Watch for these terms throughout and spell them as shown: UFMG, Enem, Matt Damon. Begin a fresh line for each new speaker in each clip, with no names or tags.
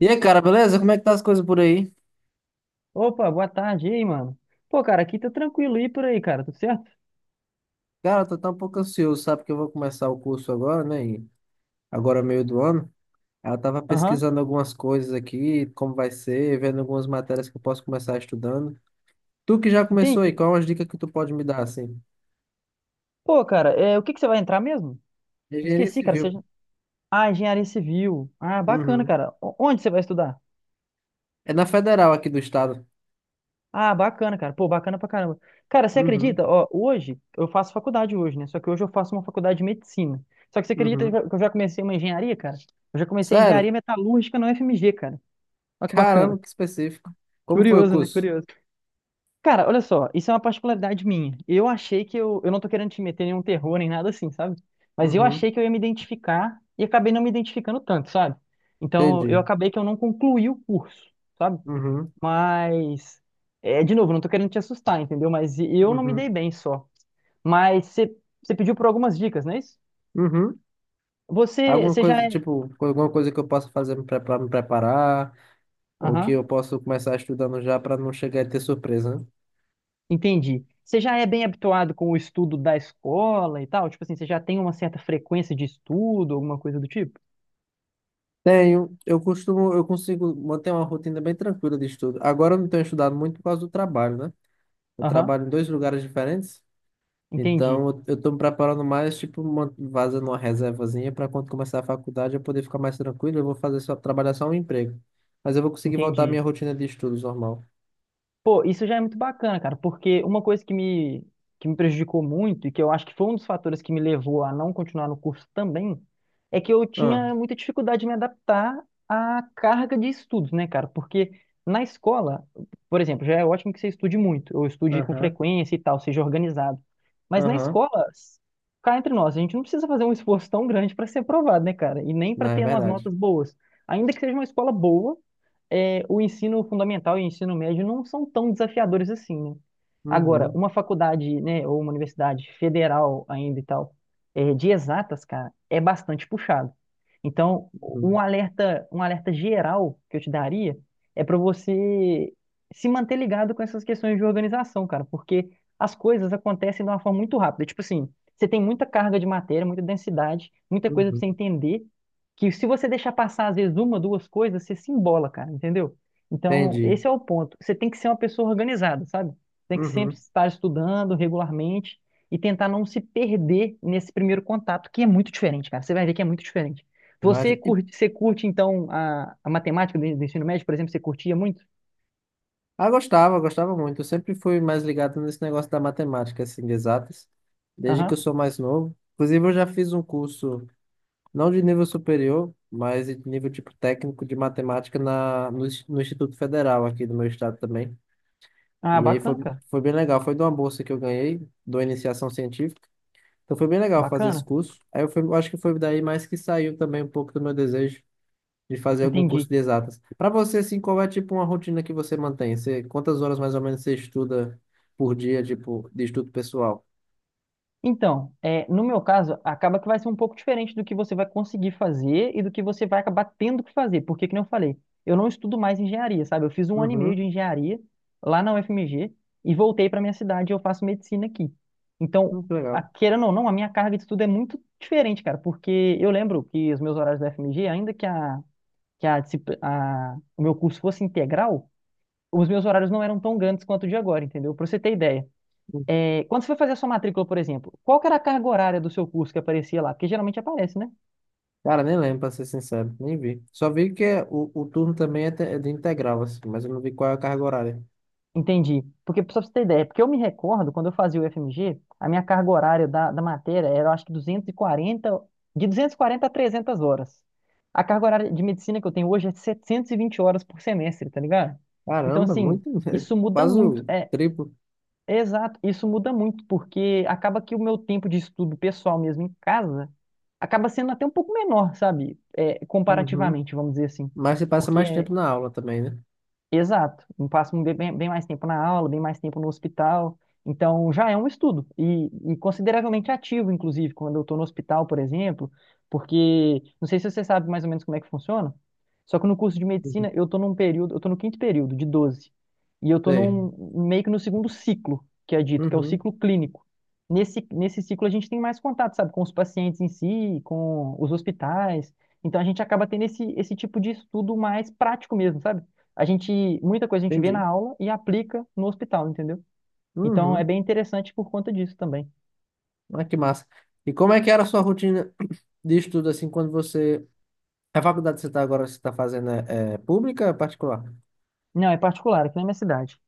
E aí, cara, beleza? Como é que tá as coisas por aí?
Opa, boa tarde, e aí, mano? Pô, cara, aqui tá tranquilo, e por aí, cara, tudo certo?
Cara, eu tô tão um pouco ansioso, sabe? Que eu vou começar o curso agora, né? E agora, é meio do ano. Aí, eu tava
Aham,
pesquisando algumas coisas aqui, como vai ser, vendo algumas matérias que eu posso começar estudando. Tu que já começou aí,
entendi.
qual é uma dica que tu pode me dar, assim?
Pô, cara, o que que você vai entrar mesmo?
Engenharia
Esqueci, cara,
civil.
Ah, engenharia civil. Ah, bacana,
Uhum.
cara. Onde você vai estudar?
É na federal aqui do estado.
Ah, bacana, cara. Pô, bacana pra caramba. Cara, você
Uhum.
acredita? Ó, hoje, eu faço faculdade hoje, né? Só que hoje eu faço uma faculdade de medicina. Só que você acredita
Uhum.
que eu já comecei uma engenharia, cara? Eu já comecei
Sério?
engenharia metalúrgica na UFMG, cara. Olha que
Caramba,
bacana.
que específico. Como foi o
Curioso, né?
curso?
Curioso. Cara, olha só, isso é uma particularidade minha. Eu achei que eu não tô querendo te meter em nenhum terror nem nada assim, sabe? Mas eu
Uhum.
achei que eu ia me identificar e acabei não me identificando tanto, sabe? Então eu
Entendi.
acabei que eu não concluí o curso, sabe?
Uhum.
Mas, é, de novo, não tô querendo te assustar, entendeu? Mas eu não me dei
Uhum.
bem só. Mas você pediu por algumas dicas, não é isso?
Uhum.
Você,
Alguma
você já
coisa,
é.
tipo, alguma coisa que eu possa fazer para me preparar, ou que
Aham,
eu posso começar estudando já para não chegar e ter surpresa, né?
entendi. Você já é bem habituado com o estudo da escola e tal? Tipo assim, você já tem uma certa frequência de estudo, alguma coisa do tipo?
Tenho, eu costumo, eu consigo manter uma rotina bem tranquila de estudo. Agora eu não tenho estudado muito por causa do trabalho, né? Eu
Aham.
trabalho em dois lugares diferentes,
Entendi,
então eu tô me preparando mais, tipo, fazendo uma reservazinha para quando começar a faculdade eu poder ficar mais tranquilo, eu vou fazer só, trabalhar só um emprego. Mas eu vou conseguir voltar à
entendi.
minha rotina de estudos normal.
Pô, isso já é muito bacana, cara, porque uma coisa que me prejudicou muito e que eu acho que foi um dos fatores que me levou a não continuar no curso também, é que eu
Ah,
tinha muita dificuldade de me adaptar à carga de estudos, né, cara? Porque na escola, por exemplo, já é ótimo que você estude muito, ou estude com
aham,
frequência e tal, seja organizado. Mas na
aham,
escola, cá entre nós, a gente não precisa fazer um esforço tão grande para ser aprovado, né, cara? E nem
não,
para
é
ter umas
verdade.
notas boas. Ainda que seja uma escola boa é, o ensino fundamental e o ensino médio não são tão desafiadores assim, né? Agora,
Uhum.
uma faculdade, né, ou uma universidade federal ainda e tal, é, de exatas, cara, é bastante puxado. Então,
Uhum.
um alerta geral que eu te daria é para você se manter ligado com essas questões de organização, cara, porque as coisas acontecem de uma forma muito rápida. Tipo assim, você tem muita carga de matéria, muita densidade, muita coisa para
Uhum.
você entender, que se você deixar passar, às vezes, uma, duas coisas, você se embola, cara, entendeu? Então,
Entendi.
esse é o ponto. Você tem que ser uma pessoa organizada, sabe? Tem que sempre
Uhum.
estar estudando regularmente e tentar não se perder nesse primeiro contato, que é muito diferente, cara. Você vai ver que é muito diferente.
Imagem. E,
Você curte então, a matemática do ensino médio, por exemplo, você curtia muito?
ah, gostava, gostava muito. Eu sempre fui mais ligado nesse negócio da matemática, assim, de exatas, desde que eu
Aham.
sou mais novo. Inclusive, eu já fiz um curso, não de nível superior, mas de nível tipo técnico de matemática na, no, Ins- no Instituto Federal aqui do meu estado também.
Ah,
E aí foi,
bacana, cara.
foi bem legal. Foi de uma bolsa que eu ganhei, da iniciação científica. Então foi bem legal fazer esse
Bacana.
curso. Aí eu acho que foi daí mais que saiu também um pouco do meu desejo de fazer algum curso
Entendi.
de exatas. Para você, assim, qual é, tipo, uma rotina que você mantém? Você, quantas horas, mais ou menos, você estuda por dia, tipo, de estudo pessoal?
Então, no meu caso, acaba que vai ser um pouco diferente do que você vai conseguir fazer e do que você vai acabar tendo que fazer. Porque, que nem eu falei, eu não estudo mais engenharia, sabe? Eu fiz um ano e meio de
Uhum,
engenharia lá na UFMG e voltei para minha cidade e eu faço medicina aqui. Então,
muito legal.
querendo ou não, a minha carga de estudo é muito diferente, cara. Porque eu lembro que os meus horários da UFMG, ainda que, o meu curso fosse integral, os meus horários não eram tão grandes quanto o de agora, entendeu? Para você ter ideia.
Hum.
É, quando você foi fazer a sua matrícula, por exemplo, qual que era a carga horária do seu curso que aparecia lá? Porque geralmente aparece, né?
Cara, nem lembro, para ser sincero, nem vi. Só vi que o turno também é de integral, assim, mas eu não vi qual é a carga horária.
Entendi. Porque, só pra você ter ideia, porque eu me recordo, quando eu fazia o FMG, a minha carga horária da matéria era, eu acho que 240 de 240 a 300 horas. A carga horária de medicina que eu tenho hoje é 720 horas por semestre, tá ligado? Então,
Caramba,
assim,
muito,
isso muda
quase
muito.
o triplo.
Exato, isso muda muito, porque acaba que o meu tempo de estudo pessoal mesmo em casa acaba sendo até um pouco menor, sabe? É,
Uhum.
comparativamente, vamos dizer assim.
Mas você passa mais
Porque
tempo na aula também, né?
Exato, eu passo bem, bem mais tempo na aula, bem mais tempo no hospital. Então já é um estudo e consideravelmente ativo, inclusive, quando eu estou no hospital, por exemplo, porque não sei se você sabe mais ou menos como é que funciona. Só que no curso de
Uhum.
medicina eu estou num período, eu estou no quinto período de 12 e eu estou
Sei.
num meio que no segundo ciclo que é dito, que é o
Uhum.
ciclo clínico. Nesse ciclo a gente tem mais contato, sabe, com os pacientes em si, com os hospitais. Então a gente acaba tendo esse tipo de estudo mais prático mesmo, sabe? A gente, muita coisa a gente vê na
Entendi.
aula e aplica no hospital, entendeu? Então é
Uhum.
bem interessante por conta disso também.
Ah, que massa. E como é que era a sua rotina de estudo, assim, quando você... A faculdade que você está agora, você está fazendo é pública ou é particular?
Não, é particular, aqui na minha cidade.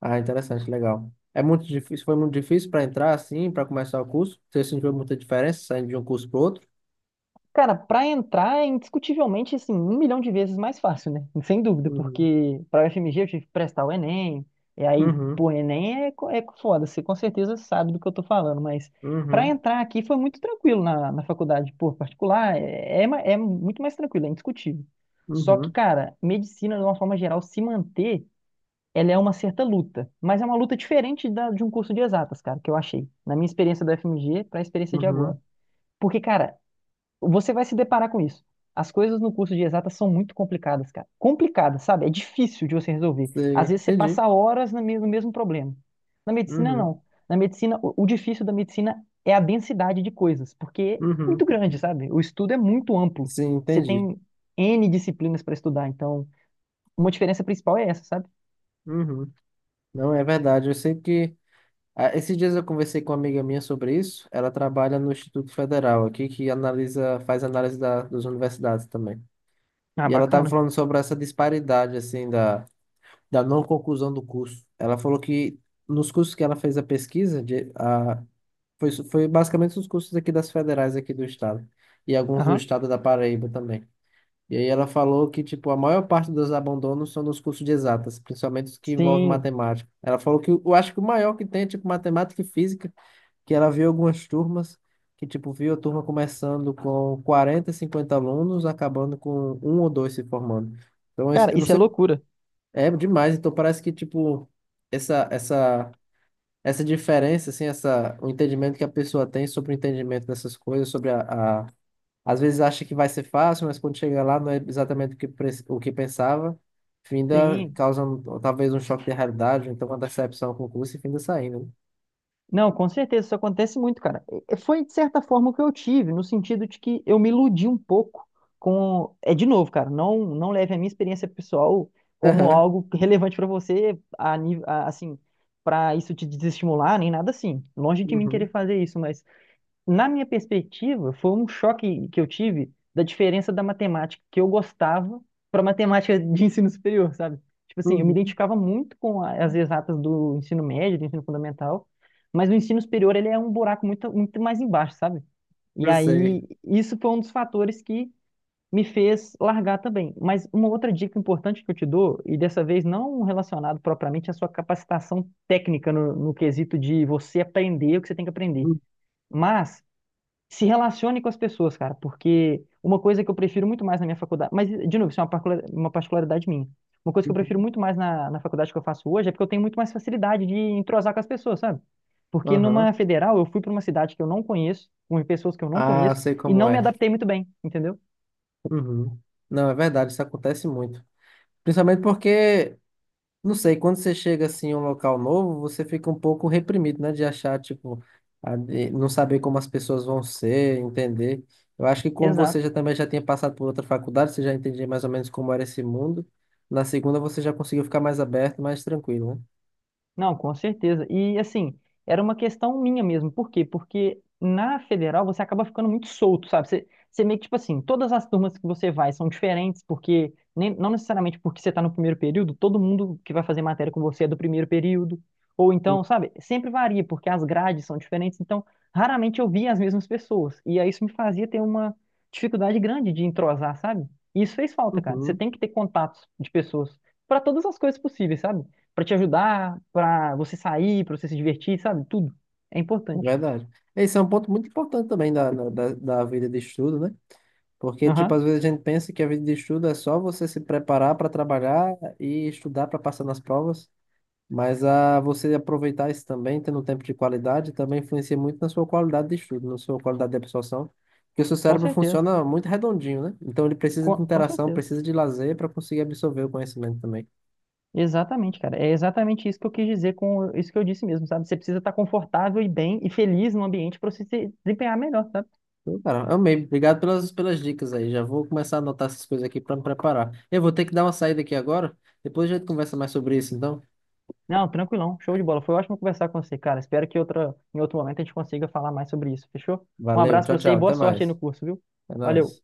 Ah, interessante, legal. É muito difícil, foi muito difícil para entrar assim, para começar o curso? Você sentiu muita diferença saindo de um curso para outro?
Cara, pra entrar é indiscutivelmente, assim, 1 milhão de vezes mais fácil, né? Sem dúvida,
Uhum.
porque pra UFMG eu tive que prestar o Enem, e aí,
Uhum.
pô, é foda, você com certeza sabe do que eu tô falando, mas pra
Uhum.
entrar aqui foi muito tranquilo na, na faculdade, pô, particular, é muito mais tranquilo, é indiscutível. Só que,
Uhum.
cara, medicina, de uma forma geral, se manter ela é uma certa luta, mas é uma luta diferente de um curso de exatas, cara, que eu achei, na minha experiência da FMG para a experiência de agora.
Uhum.
Porque, cara, você vai se deparar com isso. As coisas no curso de exatas são muito complicadas, cara. Complicadas, sabe? É difícil de você resolver.
Sim,
Às vezes você
entendi.
passa horas no mesmo problema. Na medicina,
Uhum.
não. Na medicina, o difícil da medicina é a densidade de coisas, porque é muito
Uhum.
grande, sabe? O estudo é muito amplo.
Sim,
Você
entendi.
tem N disciplinas para estudar, então uma diferença principal é essa, sabe?
Uhum. Não, é verdade. Eu sei que esses dias eu conversei com uma amiga minha sobre isso. Ela trabalha no Instituto Federal aqui, que analisa, faz análise das universidades também.
Ah,
E ela estava
bacana.
falando sobre essa disparidade, assim, da não conclusão do curso. Ela falou que nos cursos que ela fez a pesquisa, foi basicamente os cursos aqui das federais aqui do estado, e alguns do
Aham.
estado da Paraíba também. E aí ela falou que, tipo, a maior parte dos abandonos são nos cursos de exatas, principalmente os que envolvem
Sim.
matemática. Ela falou que eu acho que o maior que tem é, tipo, matemática e física, que ela viu algumas turmas que, tipo, viu a turma começando com 40, 50 alunos, acabando com um ou dois se formando. Então,
Cara,
eu não
isso é
sei,
loucura.
é demais. Então, parece que, tipo, essa, essa, essa diferença, assim, o entendimento que a pessoa tem sobre o entendimento dessas coisas, sobre a... Às vezes acha que vai ser fácil, mas quando chega lá não é exatamente o que pensava. Finda
Sim.
causando talvez um choque de realidade, então uma decepção com o curso e finda saindo.
Não, com certeza, isso acontece muito, cara. Foi, de certa forma, o que eu tive, no sentido de que eu me iludi um pouco com. É de novo, cara, não, não leve a minha experiência pessoal
Né?
como algo relevante pra você, assim, pra isso te desestimular, nem nada assim. Longe de mim
Aham.
querer
Uhum.
fazer isso, mas na minha perspectiva, foi um choque que eu tive da diferença da matemática que eu gostava para matemática de ensino superior, sabe? Tipo assim, eu me
Uhum.
identificava muito com as exatas do ensino médio, do ensino fundamental, mas o ensino superior ele é um buraco muito, muito mais embaixo, sabe? E
Eu sei.
aí, isso foi um dos fatores que me fez largar também. Mas uma outra dica importante que eu te dou, e dessa vez não relacionado propriamente à sua capacitação técnica no quesito de você aprender o que você tem que aprender,
Uhum.
mas se relacione com as pessoas, cara, porque uma coisa que eu prefiro muito mais na minha faculdade, mas de novo, isso é uma uma particularidade minha. Uma coisa que eu prefiro muito mais na faculdade que eu faço hoje é porque eu tenho muito mais facilidade de entrosar com as pessoas, sabe? Porque
Aham.
numa federal eu fui para uma cidade que eu não conheço, com pessoas que eu não
Ah,
conheço,
sei
e
como
não me
é.
adaptei muito bem, entendeu?
Uhum. Não, é verdade, isso acontece muito. Principalmente porque, não sei, quando você chega assim em um local novo, você fica um pouco reprimido, né? De achar, tipo, de não saber como as pessoas vão ser, entender. Eu acho que como você
Exato.
já também já tinha passado por outra faculdade, você já entendia mais ou menos como era esse mundo. Na segunda você já conseguiu ficar mais aberto, mais tranquilo,
Não, com certeza. E assim, era uma questão minha mesmo. Por quê? Porque na federal você acaba ficando muito solto, sabe? Você, você meio que, tipo assim, todas as turmas que você vai são diferentes, porque nem, não necessariamente porque você está no primeiro período, todo mundo que vai fazer matéria com você é do primeiro período. Ou
né?
então, sabe? Sempre varia, porque as grades são diferentes, então raramente eu via as mesmas pessoas. E aí isso me fazia ter uma dificuldade grande de entrosar, sabe? E isso fez falta, cara. Você
Uhum.
tem que ter contatos de pessoas para todas as coisas possíveis, sabe? Para te ajudar, para você sair, para você se divertir, sabe? Tudo. É
É
importante.
verdade. Esse é um ponto muito importante também da vida de estudo, né? Porque, tipo,
Aham,
às vezes a gente pensa que a vida de estudo é só você se preparar para trabalhar e estudar para passar nas provas, mas a você aproveitar isso também, tendo um tempo de qualidade, também influencia muito na sua qualidade de estudo, na sua qualidade de absorção, porque o seu
com
cérebro
certeza.
funciona muito redondinho, né? Então ele precisa de
Com
interação,
certeza.
precisa de lazer para conseguir absorver o conhecimento também.
Exatamente, cara. É exatamente isso que eu quis dizer com isso que eu disse mesmo, sabe? Você precisa estar confortável e bem e feliz no ambiente para você se desempenhar melhor, sabe?
Então, cara, amei. Obrigado pelas dicas aí. Já vou começar a anotar essas coisas aqui para me preparar. Eu vou ter que dar uma saída aqui agora, depois a gente conversa mais sobre isso, então.
Não, tranquilão. Show de bola. Foi ótimo conversar com você, cara. Espero que outra, em outro momento a gente consiga falar mais sobre isso, fechou? Um
Valeu,
abraço
tchau,
pra você
tchau,
e boa
até
sorte
mais.
aí no curso, viu?
É nóis.
Valeu.